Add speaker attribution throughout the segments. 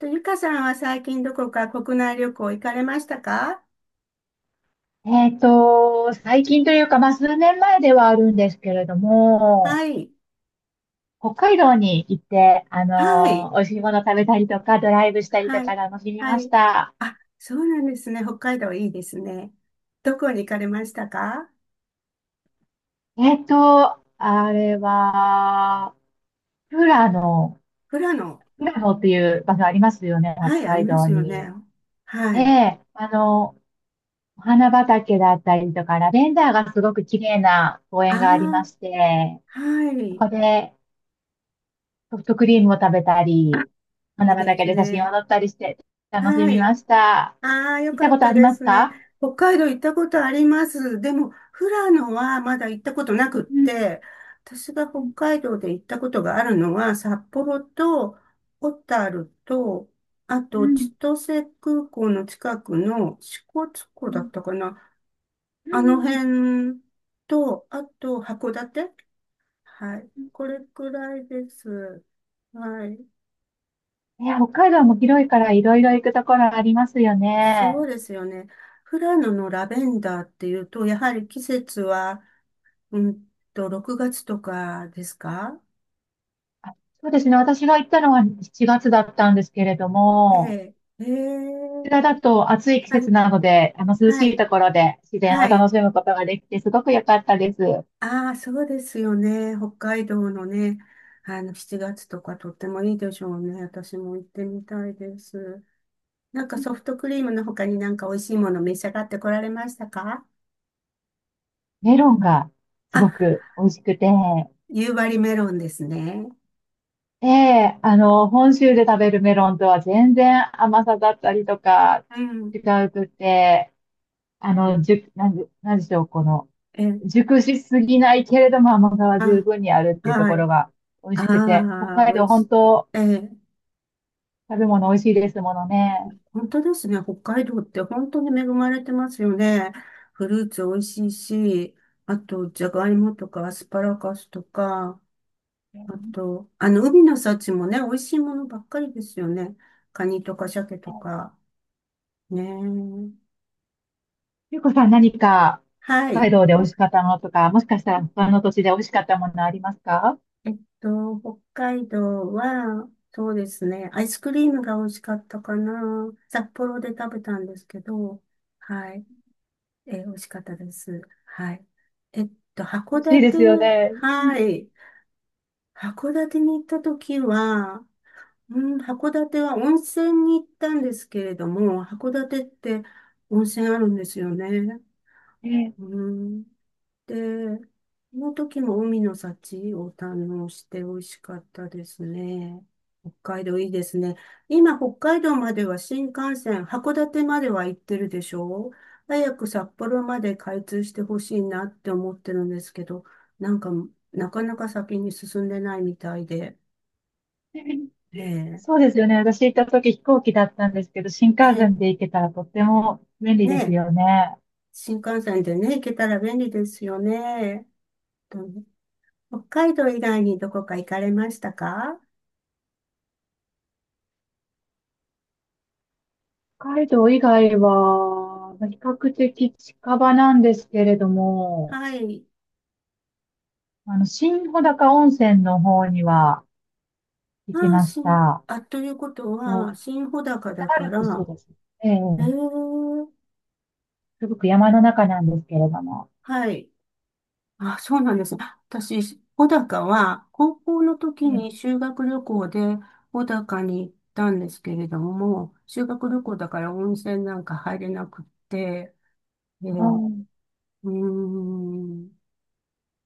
Speaker 1: と、ゆかさんは最近どこか国内旅行行かれましたか？
Speaker 2: 最近というか、まあ、数年前ではあるんですけれども、
Speaker 1: はい。
Speaker 2: 北海道に行って、
Speaker 1: はい。
Speaker 2: 美味しいもの食べたりとか、ドライブしたりと
Speaker 1: は
Speaker 2: か
Speaker 1: い。
Speaker 2: 楽しみ
Speaker 1: は
Speaker 2: まし
Speaker 1: い。
Speaker 2: た。
Speaker 1: あ、そうなんですね。北海道いいですね。どこに行かれましたか？
Speaker 2: あれは、富良野、
Speaker 1: 富良野。
Speaker 2: 富良野っていう場所ありますよね、北
Speaker 1: はい、あり
Speaker 2: 海
Speaker 1: ま
Speaker 2: 道
Speaker 1: すよ
Speaker 2: に。
Speaker 1: ね。はい。
Speaker 2: で、お花畑だったりとか、ラベンダーがすごく綺麗な公園がありまし
Speaker 1: あ
Speaker 2: て、
Speaker 1: あ、は
Speaker 2: そ
Speaker 1: い。
Speaker 2: こで、ソフトクリームを食べた
Speaker 1: あ、
Speaker 2: り、
Speaker 1: い
Speaker 2: 花
Speaker 1: いで
Speaker 2: 畑
Speaker 1: す
Speaker 2: で写真を
Speaker 1: ね。
Speaker 2: 撮ったりして楽し
Speaker 1: は
Speaker 2: み
Speaker 1: い。
Speaker 2: ました。
Speaker 1: ああ、よ
Speaker 2: 行っ
Speaker 1: か
Speaker 2: たこ
Speaker 1: っ
Speaker 2: とあ
Speaker 1: た
Speaker 2: り
Speaker 1: で
Speaker 2: ます
Speaker 1: すね。
Speaker 2: か？
Speaker 1: 北海道行ったことあります。でも、富良野はまだ行ったことなくっ
Speaker 2: うん、
Speaker 1: て、私が
Speaker 2: う
Speaker 1: 北
Speaker 2: ん、
Speaker 1: 海道で行ったことがあるのは、札幌と小樽と、あ
Speaker 2: う
Speaker 1: と千
Speaker 2: ん、
Speaker 1: 歳空港の近くの支笏
Speaker 2: う
Speaker 1: 湖だっ
Speaker 2: ん、
Speaker 1: たかな。
Speaker 2: う
Speaker 1: あの
Speaker 2: ん。
Speaker 1: 辺と、あと函館。はい。これくらいです。はい。
Speaker 2: いや、北海道も広いからいろいろ行くところありますよ
Speaker 1: そう
Speaker 2: ね。
Speaker 1: ですよね。富良野のラベンダーっていうと、やはり季節は、うん6月とかですか？
Speaker 2: あ、そうですね。私が行ったのは7月だったんですけれど
Speaker 1: え
Speaker 2: も、
Speaker 1: え、え
Speaker 2: こち
Speaker 1: え、
Speaker 2: らだと暑い季
Speaker 1: はい、
Speaker 2: 節なので、あの涼し
Speaker 1: は
Speaker 2: い
Speaker 1: い、
Speaker 2: ところで自然を
Speaker 1: は
Speaker 2: 楽
Speaker 1: い。
Speaker 2: しむことができてすごく良かったです。
Speaker 1: ああ、そうですよね。北海道のね、7月とかとってもいいでしょうね。私も行ってみたいです。なんかソフトクリームの他になんか美味しいもの召し上がってこられましたか？
Speaker 2: メロンがす
Speaker 1: あ、
Speaker 2: ごく美味しくて、
Speaker 1: 夕張メロンですね。
Speaker 2: ええ、本州で食べるメロンとは全然甘さだったりとか
Speaker 1: うん。
Speaker 2: 違うくて、あ
Speaker 1: う
Speaker 2: の、
Speaker 1: ん、
Speaker 2: じゅ、なんで、なんでしょう、この、
Speaker 1: ええ、
Speaker 2: 熟しすぎないけれども甘さは十
Speaker 1: あ、
Speaker 2: 分にあるっていうと
Speaker 1: は
Speaker 2: ころ
Speaker 1: い。
Speaker 2: が美味しくて、北
Speaker 1: ああ、
Speaker 2: 海
Speaker 1: 美
Speaker 2: 道
Speaker 1: 味し
Speaker 2: 本
Speaker 1: い。
Speaker 2: 当
Speaker 1: ええ。
Speaker 2: 食べ物美味しいですものね。
Speaker 1: 本当ですね。北海道って本当に恵まれてますよね。フルーツ美味しいし、あと、じゃがいもとかアスパラガスとか、あ
Speaker 2: ね、
Speaker 1: と、海の幸もね、美味しいものばっかりですよね。カニとか鮭とか。ねえ。
Speaker 2: ゆうこさん何か
Speaker 1: は
Speaker 2: 北
Speaker 1: い。
Speaker 2: 海道で美味しかったものとか、もしかした
Speaker 1: え
Speaker 2: ら他の土地で美味しかったものありますか？
Speaker 1: 北海道は、そうですね。アイスクリームが美味しかったかな。札幌で食べたんですけど、はい。美味しかったです。はい。えっ函
Speaker 2: 欲しいで
Speaker 1: 館、
Speaker 2: すよね。
Speaker 1: はい。函館に行った時は、うん、函館は温泉に行ったんですけれども、函館って温泉あるんですよね。うん。で、その時も海の幸を堪能して美味しかったですね。北海道いいですね。今、北海道までは新幹線、函館までは行ってるでしょう？早く札幌まで開通してほしいなって思ってるんですけど、なんか、なかなか先に進んでないみたいで。ええ、
Speaker 2: そうですよね。私行った時飛行機だったんですけど、新
Speaker 1: え
Speaker 2: 幹線
Speaker 1: え、
Speaker 2: で行けたらとっても便利
Speaker 1: ね
Speaker 2: です
Speaker 1: え、
Speaker 2: よね。
Speaker 1: 新幹線でね、行けたら便利ですよね。とね。北海道以外にどこか行かれましたか？
Speaker 2: 北海道以外は、比較的近場なんですけれども、
Speaker 1: はい。
Speaker 2: 新穂高温泉の方には行き
Speaker 1: ああ、
Speaker 2: ました。
Speaker 1: あ、ということ
Speaker 2: と、
Speaker 1: は、新穂高だ
Speaker 2: 北ア
Speaker 1: か
Speaker 2: ルプス
Speaker 1: ら、
Speaker 2: です。ええ、
Speaker 1: ええ、
Speaker 2: すごく山の中なんですけれども。
Speaker 1: はい。あ、そうなんですね。私、穂高は、高校の
Speaker 2: え
Speaker 1: 時に
Speaker 2: え、
Speaker 1: 修学旅行で穂高に行ったんですけれども、修学旅行
Speaker 2: あ
Speaker 1: だから温泉なんか入れなくって、ええ、う
Speaker 2: ー、
Speaker 1: ーん、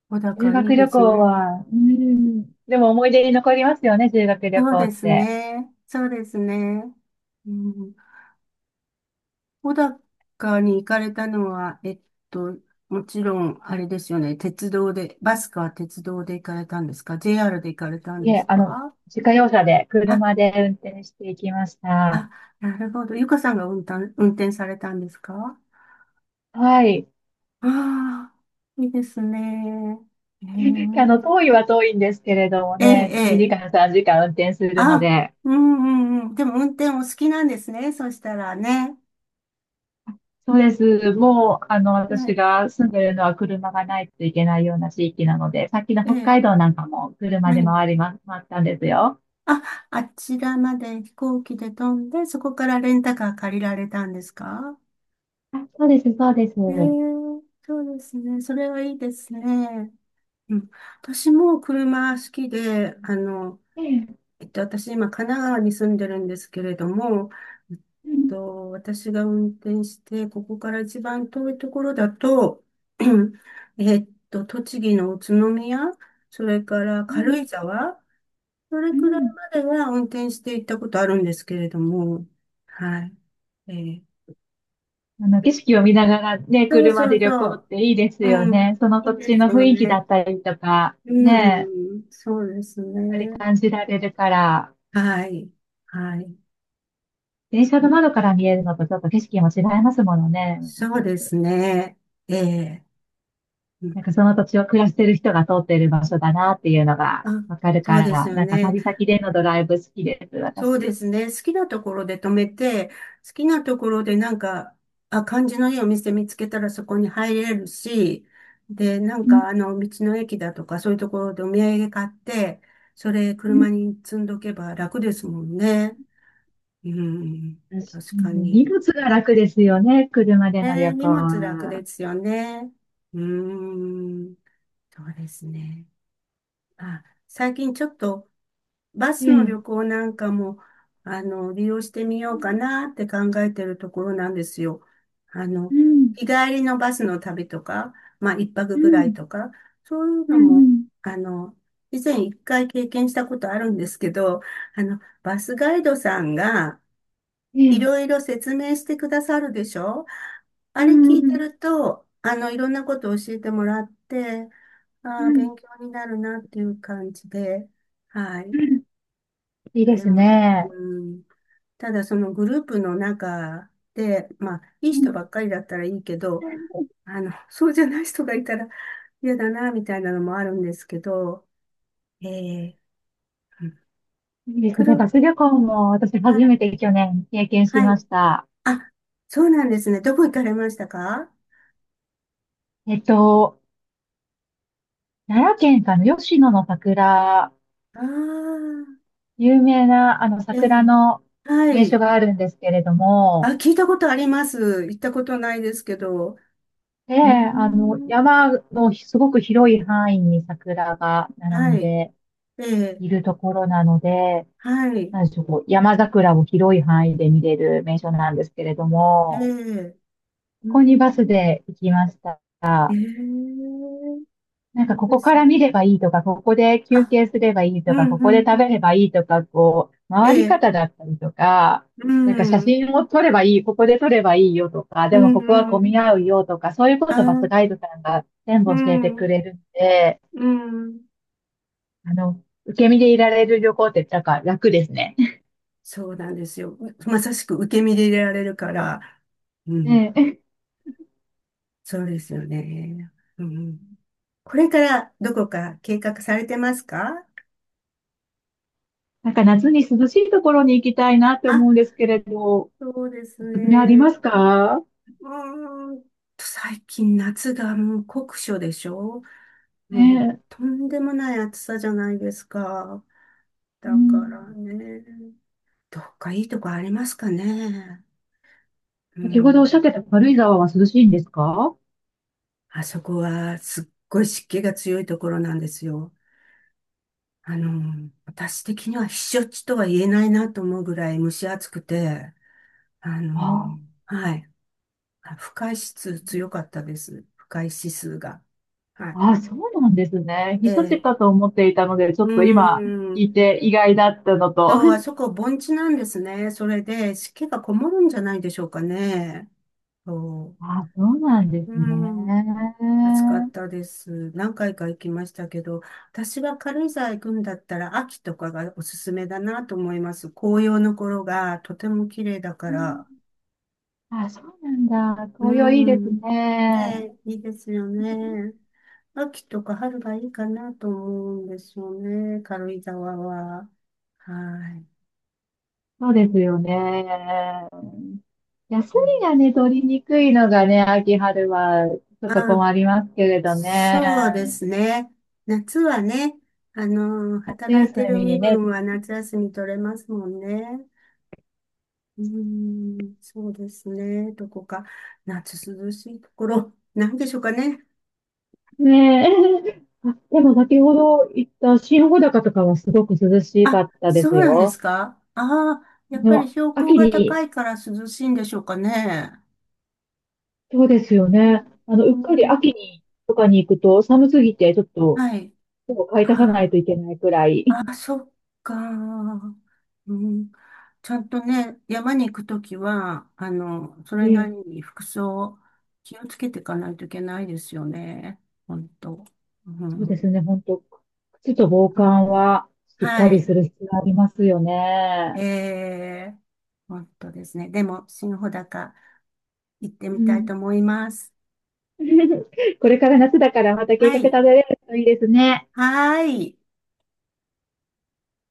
Speaker 1: 穂
Speaker 2: 修
Speaker 1: 高いい
Speaker 2: 学
Speaker 1: で
Speaker 2: 旅
Speaker 1: す
Speaker 2: 行
Speaker 1: ね。
Speaker 2: は、うん、でも思い出に残りますよね、修学旅
Speaker 1: そう
Speaker 2: 行
Speaker 1: で
Speaker 2: っ
Speaker 1: す
Speaker 2: て。
Speaker 1: ね。そうですね。うん。小高に行かれたのは、と、もちろん、あれですよね。鉄道で、バスか鉄道で行かれたんですか ?JR で行かれたん
Speaker 2: い
Speaker 1: で
Speaker 2: え、
Speaker 1: すか？
Speaker 2: 自家用車で、
Speaker 1: あ、
Speaker 2: 車で運転していきました。
Speaker 1: あ、なるほど。ゆかさんが運転されたんですか？
Speaker 2: はい。
Speaker 1: ああー、いいですね。へ
Speaker 2: 遠いは遠いんですけれども
Speaker 1: ええ
Speaker 2: ね、
Speaker 1: え、え
Speaker 2: 2時間、
Speaker 1: え。
Speaker 2: 3時間運転するの
Speaker 1: あ、
Speaker 2: で、
Speaker 1: うんうんうん。でも運転お好きなんですね。そしたらね。
Speaker 2: そうです。もう、
Speaker 1: は
Speaker 2: 私
Speaker 1: い。
Speaker 2: が住んでるのは車がないといけないような地域なので、さっきの
Speaker 1: え
Speaker 2: 北
Speaker 1: え、
Speaker 2: 海道なんかも車
Speaker 1: は
Speaker 2: で
Speaker 1: い。
Speaker 2: 回りま、回ったんですよ。
Speaker 1: あ、あちらまで飛行機で飛んで、そこからレンタカー借りられたんですか？
Speaker 2: あ、そうです、そうです。
Speaker 1: ええ、 そうですね。それはいいですね。うん。私も車好きで、
Speaker 2: ええ、
Speaker 1: 私今神奈川に住んでるんですけれども、
Speaker 2: うん、
Speaker 1: 私が運転して、ここから一番遠いところだと、栃木の宇都宮、それから
Speaker 2: う
Speaker 1: 軽井
Speaker 2: ん、
Speaker 1: 沢、それ
Speaker 2: う
Speaker 1: くらい
Speaker 2: ん。
Speaker 1: までは運転して行ったことあるんですけれども、はい。えー
Speaker 2: 景色を見ながらね、
Speaker 1: そう
Speaker 2: 車
Speaker 1: そ
Speaker 2: で
Speaker 1: う
Speaker 2: 旅
Speaker 1: そ
Speaker 2: 行っ
Speaker 1: う。
Speaker 2: ていいですよ
Speaker 1: うん。
Speaker 2: ね。その
Speaker 1: い
Speaker 2: 土
Speaker 1: い
Speaker 2: 地
Speaker 1: で
Speaker 2: の
Speaker 1: す
Speaker 2: 雰
Speaker 1: よ
Speaker 2: 囲気だ
Speaker 1: ね。
Speaker 2: ったりとか、ね、
Speaker 1: うん。そうですね。
Speaker 2: 感じられるから、
Speaker 1: はい。はい。
Speaker 2: 電車の窓から見えるのとちょっと景色も違いますものね。
Speaker 1: そうですね。ええ、うん。
Speaker 2: なんかその土地を暮らしてる人が通ってる場所だなっていうのが
Speaker 1: あ、
Speaker 2: わかる
Speaker 1: そ
Speaker 2: か
Speaker 1: うです
Speaker 2: ら、
Speaker 1: よ
Speaker 2: なんか
Speaker 1: ね。
Speaker 2: 旅先でのドライブ好きです、
Speaker 1: そうで
Speaker 2: 私。
Speaker 1: すね。好きなところで止めて、好きなところでなんか、あ、感じのいいお店見つけたらそこに入れるし、で、なん
Speaker 2: うん、
Speaker 1: か道の駅だとかそういうところでお土産買って、それ
Speaker 2: うん。
Speaker 1: 車に積んどけば楽ですもんね。うん、
Speaker 2: 私
Speaker 1: 確か
Speaker 2: 荷
Speaker 1: に。
Speaker 2: 物が楽ですよね、車での旅
Speaker 1: ね、
Speaker 2: 行
Speaker 1: 荷物楽で
Speaker 2: は。
Speaker 1: すよね。うーん、そうですね。あ、最近ちょっとバ
Speaker 2: え
Speaker 1: スの旅
Speaker 2: え、
Speaker 1: 行なんかも、利用してみようかなって考えてるところなんですよ。あ
Speaker 2: う
Speaker 1: の、
Speaker 2: ん、
Speaker 1: 日帰りのバスの旅とか、まあ、一
Speaker 2: う
Speaker 1: 泊ぐらい
Speaker 2: ん、
Speaker 1: とか、そういう
Speaker 2: うん、
Speaker 1: の
Speaker 2: う
Speaker 1: も、
Speaker 2: ん。
Speaker 1: あの、以前一回経験したことあるんですけど、バスガイドさんが
Speaker 2: え
Speaker 1: いろ
Speaker 2: え、
Speaker 1: いろ説明してくださるでしょ？
Speaker 2: う
Speaker 1: あれ聞
Speaker 2: ん、
Speaker 1: い
Speaker 2: う
Speaker 1: て
Speaker 2: ん、
Speaker 1: ると、いろんなことを教えてもらって、
Speaker 2: う
Speaker 1: ああ、
Speaker 2: ん、
Speaker 1: 勉強になるなっていう感じで、は
Speaker 2: う
Speaker 1: い。
Speaker 2: ん。いい
Speaker 1: あ
Speaker 2: で
Speaker 1: れ
Speaker 2: す
Speaker 1: も、
Speaker 2: ね。
Speaker 1: うん、ただそのグループの中で、まあ、いい
Speaker 2: う
Speaker 1: 人
Speaker 2: ん。
Speaker 1: ばっかりだったらいいけど、そうじゃない人がいたら嫌だな、みたいなのもあるんですけど、えー、うん、
Speaker 2: いいです
Speaker 1: く
Speaker 2: ね。バ
Speaker 1: る、
Speaker 2: ス旅行も私
Speaker 1: は
Speaker 2: 初め
Speaker 1: い、
Speaker 2: て去年経験し
Speaker 1: は
Speaker 2: ま
Speaker 1: い。
Speaker 2: した。
Speaker 1: あ、そうなんですね。どこ行かれましたか？
Speaker 2: えっと、奈良県かの吉野の桜、
Speaker 1: ああー、
Speaker 2: 有名なあの
Speaker 1: ええ、
Speaker 2: 桜の
Speaker 1: は
Speaker 2: 名所
Speaker 1: い。
Speaker 2: があるんですけれど
Speaker 1: あ、
Speaker 2: も、
Speaker 1: 聞いたことあります。行ったことないですけど。
Speaker 2: で、
Speaker 1: うー
Speaker 2: あの
Speaker 1: ん、
Speaker 2: 山のすごく広い範囲に桜が並ん
Speaker 1: はい。
Speaker 2: で
Speaker 1: ええ、
Speaker 2: いるところなので、
Speaker 1: はい。
Speaker 2: なんでしょう、こう山桜を広い範囲で見れる名所なんですけれど
Speaker 1: え
Speaker 2: も、
Speaker 1: え、うー
Speaker 2: ここにバス
Speaker 1: ん、
Speaker 2: で行きました。
Speaker 1: ええ、
Speaker 2: なん
Speaker 1: い
Speaker 2: か
Speaker 1: い
Speaker 2: こ
Speaker 1: で
Speaker 2: こか
Speaker 1: す
Speaker 2: ら
Speaker 1: ね。
Speaker 2: 見ればいいとか、ここで休
Speaker 1: あ、
Speaker 2: 憩すればいい
Speaker 1: う
Speaker 2: とか、
Speaker 1: ん
Speaker 2: こ
Speaker 1: う
Speaker 2: こで
Speaker 1: んう
Speaker 2: 食べれ
Speaker 1: ん。
Speaker 2: ばいいとか、こう、
Speaker 1: え
Speaker 2: 回り
Speaker 1: え、
Speaker 2: 方だったりとか、
Speaker 1: う
Speaker 2: なんか写
Speaker 1: ん、
Speaker 2: 真を撮ればいい、ここで撮ればいいよとか、
Speaker 1: う
Speaker 2: でも
Speaker 1: ん
Speaker 2: ここは
Speaker 1: う
Speaker 2: 混
Speaker 1: ん。
Speaker 2: み合うよとか、そういうことバスガ
Speaker 1: あ、
Speaker 2: イドさんが全
Speaker 1: う
Speaker 2: 部教えてく
Speaker 1: ん、
Speaker 2: れるんで、
Speaker 1: うん。
Speaker 2: 受け身でいられる旅行ってなんか楽ですね。
Speaker 1: そうなんですよ。まさしく受け身で入れられるから、う
Speaker 2: ね
Speaker 1: ん、
Speaker 2: え。
Speaker 1: そうですよね。うん。これからどこか計画されてますか？
Speaker 2: なんか夏に涼しいところに行きたいなって思
Speaker 1: あ、
Speaker 2: うんですけれど、お
Speaker 1: そうです
Speaker 2: すすめあり
Speaker 1: ね。
Speaker 2: ますか？
Speaker 1: うーんと、最近夏がもう酷暑でしょ？
Speaker 2: ね
Speaker 1: もう
Speaker 2: え、
Speaker 1: とんでもない暑さじゃないですか。
Speaker 2: う
Speaker 1: だから
Speaker 2: ん。
Speaker 1: ね、どっかいいとこありますかね。う
Speaker 2: 先ほどおっしゃっ
Speaker 1: ん。
Speaker 2: てた軽井沢は涼しいんですか？
Speaker 1: あそこはすっごい湿気が強いところなんですよ。私的には避暑地とは言えないなと思うぐらい蒸し暑くて、あの、
Speaker 2: ああ
Speaker 1: はい。あ、不快指数強かったです。不快指数が。はい。
Speaker 2: あ、そうなんですね。
Speaker 1: え
Speaker 2: 避暑地
Speaker 1: え、
Speaker 2: かと思っていたので、ち
Speaker 1: う
Speaker 2: ょっと今
Speaker 1: ー
Speaker 2: 聞
Speaker 1: ん。
Speaker 2: いて意外だったのと。
Speaker 1: と、あそ こ盆地なんですね。それで湿気がこもるんじゃないでしょうかね。そ
Speaker 2: あ、そうなんです
Speaker 1: う。うーん。暑か
Speaker 2: ね。
Speaker 1: ったです。何回か行きましたけど、私は軽井沢行くんだったら秋とかがおすすめだなと思います。紅葉の頃がとても綺麗だか
Speaker 2: うん。
Speaker 1: ら。
Speaker 2: あ、そうなんだ。
Speaker 1: う
Speaker 2: 紅葉いいです
Speaker 1: ん。ね
Speaker 2: ね。
Speaker 1: え、いいですよね。秋とか春がいいかなと思うんですよね。軽井沢は。はい。
Speaker 2: そうですよね。休
Speaker 1: う
Speaker 2: み
Speaker 1: ん、
Speaker 2: がね、取りにくいのがね、秋春はちょっと
Speaker 1: あ、
Speaker 2: 困りますけれど
Speaker 1: そうで
Speaker 2: ね。
Speaker 1: すね。夏はね、
Speaker 2: 夏
Speaker 1: 働いて
Speaker 2: 休
Speaker 1: る
Speaker 2: み
Speaker 1: 身
Speaker 2: にね。
Speaker 1: 分は夏休み取れますもんね。うーん、そうですね。どこか、夏涼しいところ、なんでしょうかね。
Speaker 2: ねえ。あ、で
Speaker 1: う
Speaker 2: も
Speaker 1: ん、
Speaker 2: 先ほど言った新穂高とかはすごく涼しか
Speaker 1: あ、
Speaker 2: ったで
Speaker 1: そ
Speaker 2: す
Speaker 1: うなんです
Speaker 2: よ。
Speaker 1: か、ああ、や
Speaker 2: あ
Speaker 1: っぱり
Speaker 2: の、
Speaker 1: 標高
Speaker 2: 秋
Speaker 1: が高
Speaker 2: に、
Speaker 1: いから涼しいんでしょうかね。
Speaker 2: そうですよ
Speaker 1: うん
Speaker 2: ね。うっかり
Speaker 1: うん、
Speaker 2: 秋にとかに行くと寒すぎてちょっと
Speaker 1: はい。
Speaker 2: 手を買い足さな
Speaker 1: あ
Speaker 2: いといけないくらい。
Speaker 1: あ、そっか。うん、ちゃんとね、山に行くときは、それな
Speaker 2: え
Speaker 1: り
Speaker 2: え、
Speaker 1: に服装、気をつけていかないといけないですよね。本当。う
Speaker 2: そうで
Speaker 1: ん、
Speaker 2: すね、本当靴と防
Speaker 1: うん、
Speaker 2: 寒はしっ
Speaker 1: は
Speaker 2: かりす
Speaker 1: い。
Speaker 2: る必要がありますよ
Speaker 1: え
Speaker 2: ね。
Speaker 1: え、本当ですね。でも、新穂高行って
Speaker 2: う
Speaker 1: みたい
Speaker 2: ん。
Speaker 1: と思います。
Speaker 2: これから夏だからまた計
Speaker 1: は
Speaker 2: 画立
Speaker 1: い。
Speaker 2: てれるといいですね。
Speaker 1: はーい。